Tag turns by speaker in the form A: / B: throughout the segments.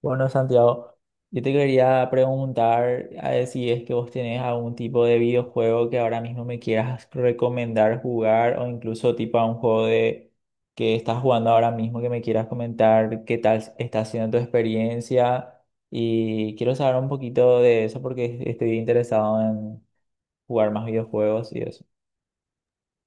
A: Bueno, Santiago, yo te quería preguntar a ver si es que vos tenés algún tipo de videojuego que ahora mismo me quieras recomendar jugar o incluso tipo a un juego de que estás jugando ahora mismo que me quieras comentar qué tal está siendo tu experiencia y quiero saber un poquito de eso porque estoy interesado en jugar más videojuegos y eso.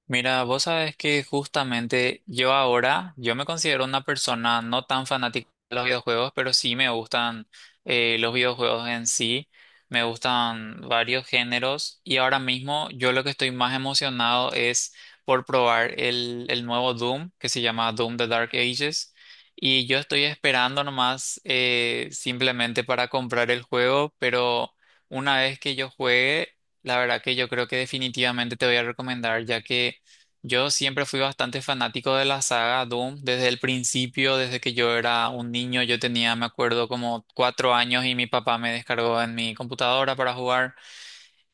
B: Mira, vos sabes que justamente yo ahora, yo me considero una persona no tan fanática de los videojuegos, pero sí me gustan los videojuegos en sí, me gustan varios géneros y ahora mismo yo lo que estoy más emocionado es por probar el nuevo Doom, que se llama Doom The Dark Ages, y yo estoy esperando nomás, simplemente para comprar el juego, pero una vez que yo juegue, la verdad que yo creo que definitivamente te voy a recomendar ya que... Yo siempre fui bastante fanático de la saga Doom desde el principio, desde que yo era un niño. Yo tenía, me acuerdo, como 4 años y mi papá me descargó en mi computadora para jugar.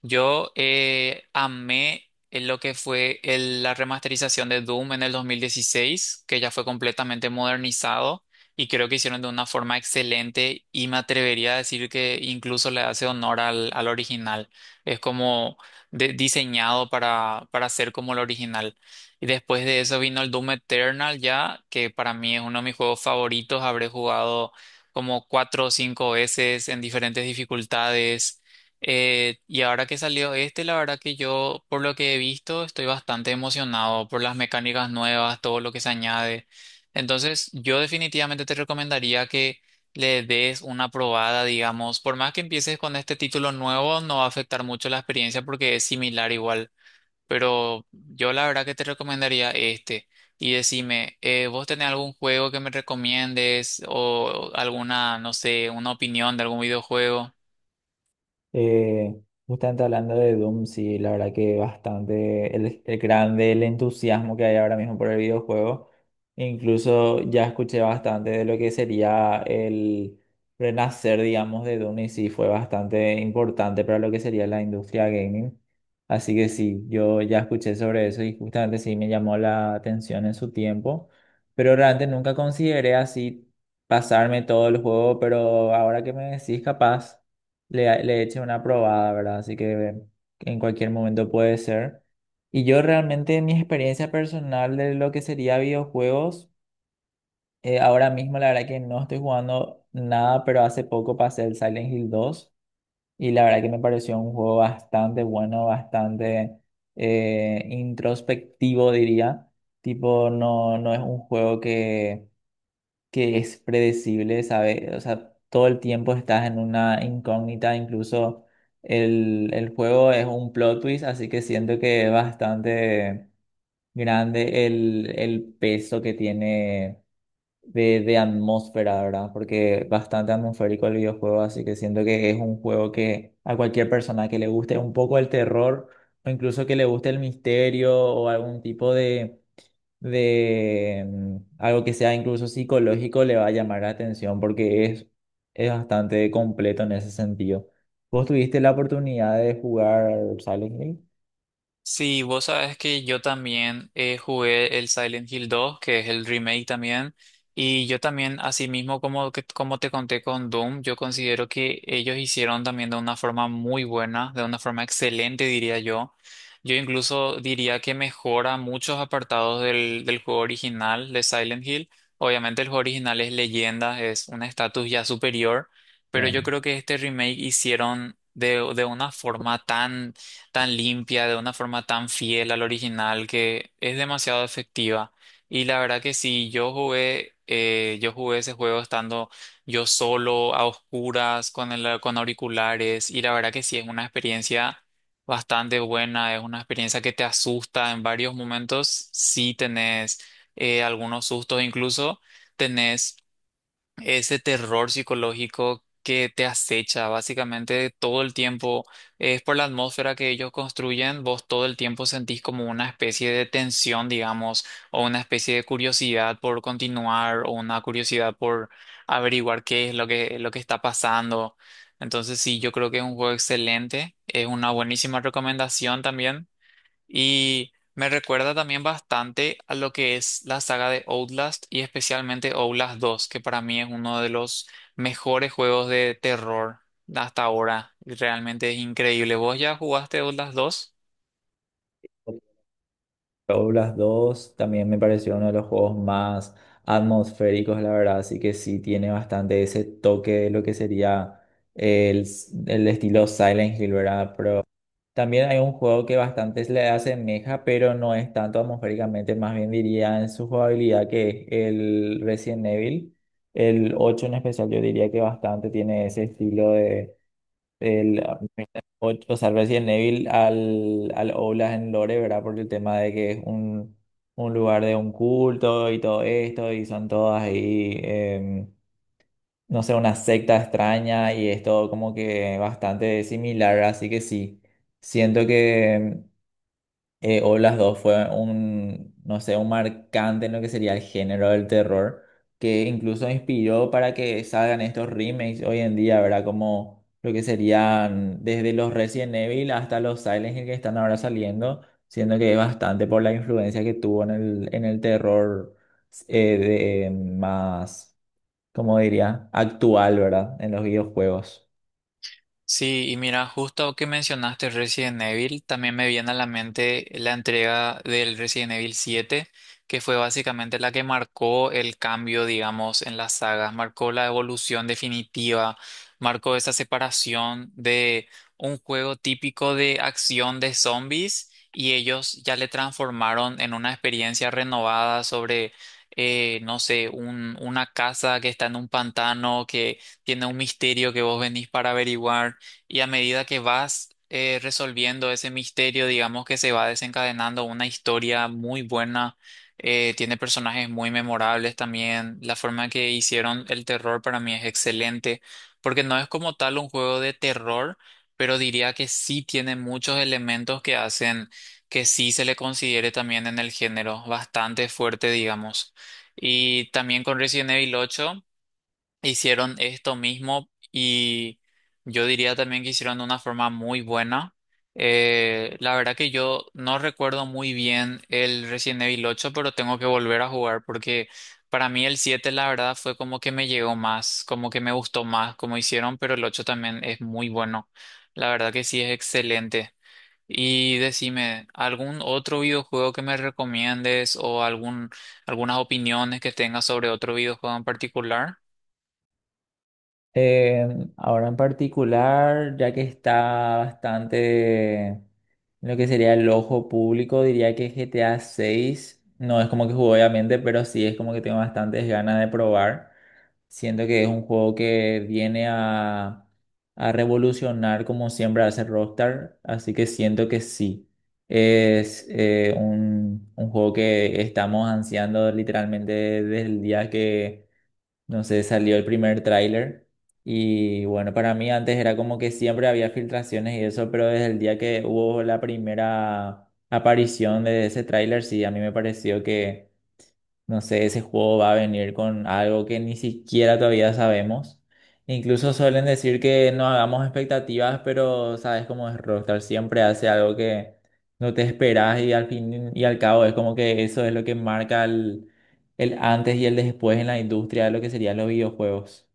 B: Yo amé en lo que fue la remasterización de Doom en el 2016, que ya fue completamente modernizado y creo que hicieron de una forma excelente y me atrevería a decir que incluso le hace honor al original. Es como diseñado para ser como el original. Y después de eso vino el Doom Eternal ya, que para mí es uno de mis juegos favoritos. Habré jugado como cuatro o cinco veces en diferentes dificultades. Y ahora que salió este, la verdad que yo, por lo que he visto, estoy bastante emocionado por las mecánicas nuevas, todo lo que se añade. Entonces, yo definitivamente te recomendaría que le des una probada, digamos. Por más que empieces con este título nuevo, no va a afectar mucho la experiencia porque es similar igual. Pero yo la verdad que te recomendaría este. Y decime, ¿vos tenés algún juego que me recomiendes o alguna, no sé, una opinión de algún videojuego?
A: Eh, Justamente hablando de Doom, sí, la verdad que bastante el grande, el entusiasmo que hay ahora mismo por el videojuego. Incluso ya escuché bastante de lo que sería el renacer, digamos, de Doom y sí fue bastante importante para lo que sería la industria gaming. Así que sí, yo ya escuché sobre eso y justamente sí me llamó la atención en su tiempo, pero realmente nunca consideré así pasarme todo el juego, pero ahora que me decís capaz le eche una probada, ¿verdad? Así que en cualquier momento puede ser. Y yo realmente mi experiencia personal de lo que sería videojuegos, ahora mismo la verdad que no estoy jugando nada, pero hace poco pasé el Silent Hill 2 y la verdad que me pareció un juego bastante bueno, bastante introspectivo diría. Tipo, no, no es un juego que es predecible, ¿sabes? O sea, todo el tiempo estás en una incógnita, incluso el juego es un plot twist, así que siento que es bastante grande el peso que tiene de atmósfera, ¿verdad? Porque es bastante atmosférico el videojuego, así que siento que es un juego que a cualquier persona que le guste un poco el terror, o incluso que le guste el misterio o algún tipo de algo que sea incluso psicológico le va a llamar la atención porque es bastante completo en ese sentido. ¿Vos tuviste la oportunidad de jugar Silent Hill?
B: Sí, vos sabes que yo también jugué el Silent Hill 2, que es el remake también, y yo también, así mismo como, como te conté con Doom, yo considero que ellos hicieron también de una forma muy buena, de una forma excelente, diría yo. Yo incluso diría que mejora muchos apartados del juego original de Silent Hill. Obviamente el juego original es leyenda, es un estatus ya superior, pero yo
A: Con
B: creo que este remake hicieron de una forma tan tan limpia, de una forma tan fiel al original que es demasiado efectiva. Y la verdad que sí, yo jugué ese juego estando yo solo, a oscuras, con auriculares, y la verdad que sí, es una experiencia bastante buena, es una experiencia que te asusta en varios momentos, sí tenés algunos sustos, incluso tenés ese terror psicológico que te acecha básicamente todo el tiempo. Es por la atmósfera que ellos construyen, vos todo el tiempo sentís como una especie de tensión, digamos, o una especie de curiosidad por continuar, o una curiosidad por averiguar qué es lo que está pasando. Entonces sí, yo creo que es un juego excelente, es una buenísima recomendación también. Y me recuerda también bastante a lo que es la saga de Outlast y especialmente Outlast dos, que para mí es uno de los mejores juegos de terror hasta ahora. Realmente es increíble. ¿Vos ya jugaste Outlast dos?
A: Outlast dos también me pareció uno de los juegos más atmosféricos, la verdad, así que sí tiene bastante ese toque de lo que sería el, el estilo Silent Hill, ¿verdad? Pero también hay un juego que bastante se le asemeja, pero no es tanto atmosféricamente, más bien diría en su jugabilidad, que es el Resident Evil. El 8 en especial, yo diría que bastante tiene ese estilo de. El, ocho o sea, Resident Evil al Outlast en Lore, ¿verdad? Por el tema de que es un lugar de un culto y todo esto, y son todas ahí. No sé, una secta extraña y es todo como que bastante similar, así que sí. Siento que o las dos fue un, no sé, un marcante en lo que sería el género del terror, que incluso inspiró para que salgan estos remakes hoy en día, ¿verdad? Como lo que serían desde los Resident Evil hasta los Silent Hill que están ahora saliendo, siendo que es bastante por la influencia que tuvo en el terror eh, de, más, como diría? Actual, ¿verdad? En los videojuegos.
B: Sí, y mira, justo que mencionaste Resident Evil, también me viene a la mente la entrega del Resident Evil siete, que fue básicamente la que marcó el cambio, digamos, en las sagas, marcó la evolución definitiva, marcó esa separación de un juego típico de acción de zombies y ellos ya le transformaron en una experiencia renovada sobre... no sé, una casa que está en un pantano, que tiene un misterio que vos venís para averiguar, y a medida que vas resolviendo ese misterio, digamos que se va desencadenando una historia muy buena, tiene personajes muy memorables también, la forma en que hicieron el terror para mí es excelente, porque no es como tal un juego de terror, pero diría que sí tiene muchos elementos que hacen que sí se le considere también en el género bastante fuerte, digamos. Y también con Resident Evil 8. Hicieron esto mismo y yo diría también que hicieron de una forma muy buena. La verdad que yo no recuerdo muy bien el Resident Evil ocho, pero tengo que volver a jugar porque para mí el 7 la verdad fue como que me llegó más, como que me gustó más como hicieron, pero el 8 también es muy bueno. La verdad que sí es excelente. Y decime, ¿algún otro videojuego que me recomiendes o algún, algunas opiniones que tengas sobre otro videojuego en particular?
A: Ahora en particular, ya que está bastante en lo que sería el ojo público, diría que GTA 6 no es como que juego obviamente, pero sí es como que tengo bastantes ganas de probar. Siento que es un juego que viene a revolucionar como siempre hace Rockstar, así que siento que sí. Es un juego que estamos ansiando literalmente desde el día que no sé, salió el primer tráiler y bueno, para mí antes era como que siempre había filtraciones y eso, pero desde el día que hubo la primera aparición de ese tráiler, sí, a mí me pareció que no sé, ese juego va a venir con algo que ni siquiera todavía sabemos. Incluso suelen decir que no hagamos expectativas, pero sabes cómo es Rockstar, siempre hace algo que no te esperas y al fin y al cabo es como que eso es lo que marca el antes y el después en la industria de lo que serían los videojuegos.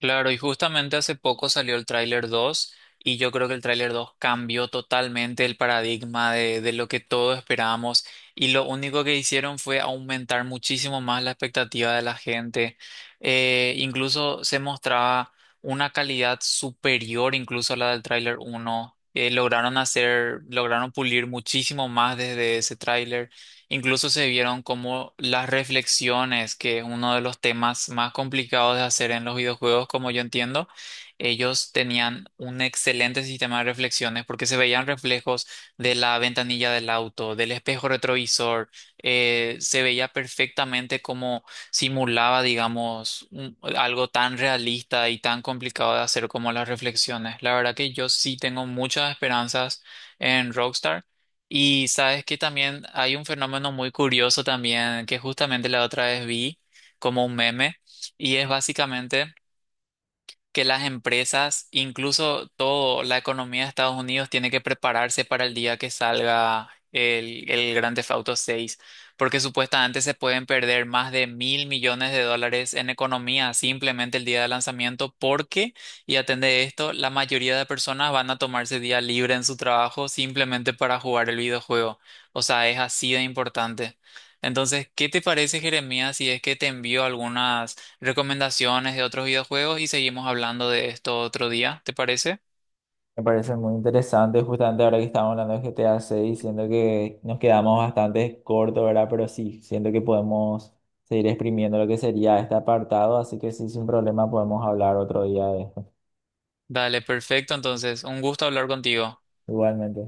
B: Claro, y justamente hace poco salió el tráiler 2 y yo creo que el tráiler 2 cambió totalmente el paradigma de lo que todos esperábamos, y lo único que hicieron fue aumentar muchísimo más la expectativa de la gente. Incluso se mostraba una calidad superior incluso a la del tráiler uno. Lograron hacer, lograron pulir muchísimo más desde ese tráiler. Incluso se vieron como las reflexiones, que es uno de los temas más complicados de hacer en los videojuegos, como yo entiendo, ellos tenían un excelente sistema de reflexiones porque se veían reflejos de la ventanilla del auto, del espejo retrovisor, se veía perfectamente cómo simulaba, digamos, algo tan realista y tan complicado de hacer como las reflexiones. La verdad que yo sí tengo muchas esperanzas en Rockstar. Y sabes que también hay un fenómeno muy curioso también que justamente la otra vez vi como un meme, y es básicamente que las empresas, incluso toda la economía de Estados Unidos, tiene que prepararse para el día que salga el Grand Theft Auto 6, porque supuestamente se pueden perder más de 1.000 millones de dólares en economía simplemente el día de lanzamiento, porque, y atende esto, la mayoría de personas van a tomarse día libre en su trabajo simplemente para jugar el videojuego. O sea, es así de importante. Entonces, ¿qué te parece, Jeremías, si es que te envío algunas recomendaciones de otros videojuegos y seguimos hablando de esto otro día, ¿te parece?
A: Me parece muy interesante, justamente ahora que estamos hablando de GTA 6, siento que nos quedamos bastante cortos, ¿verdad? Pero sí, siento que podemos seguir exprimiendo lo que sería este apartado, así que sí, sin problema podemos hablar otro día de esto.
B: Dale, perfecto. Entonces, un gusto hablar contigo.
A: Igualmente.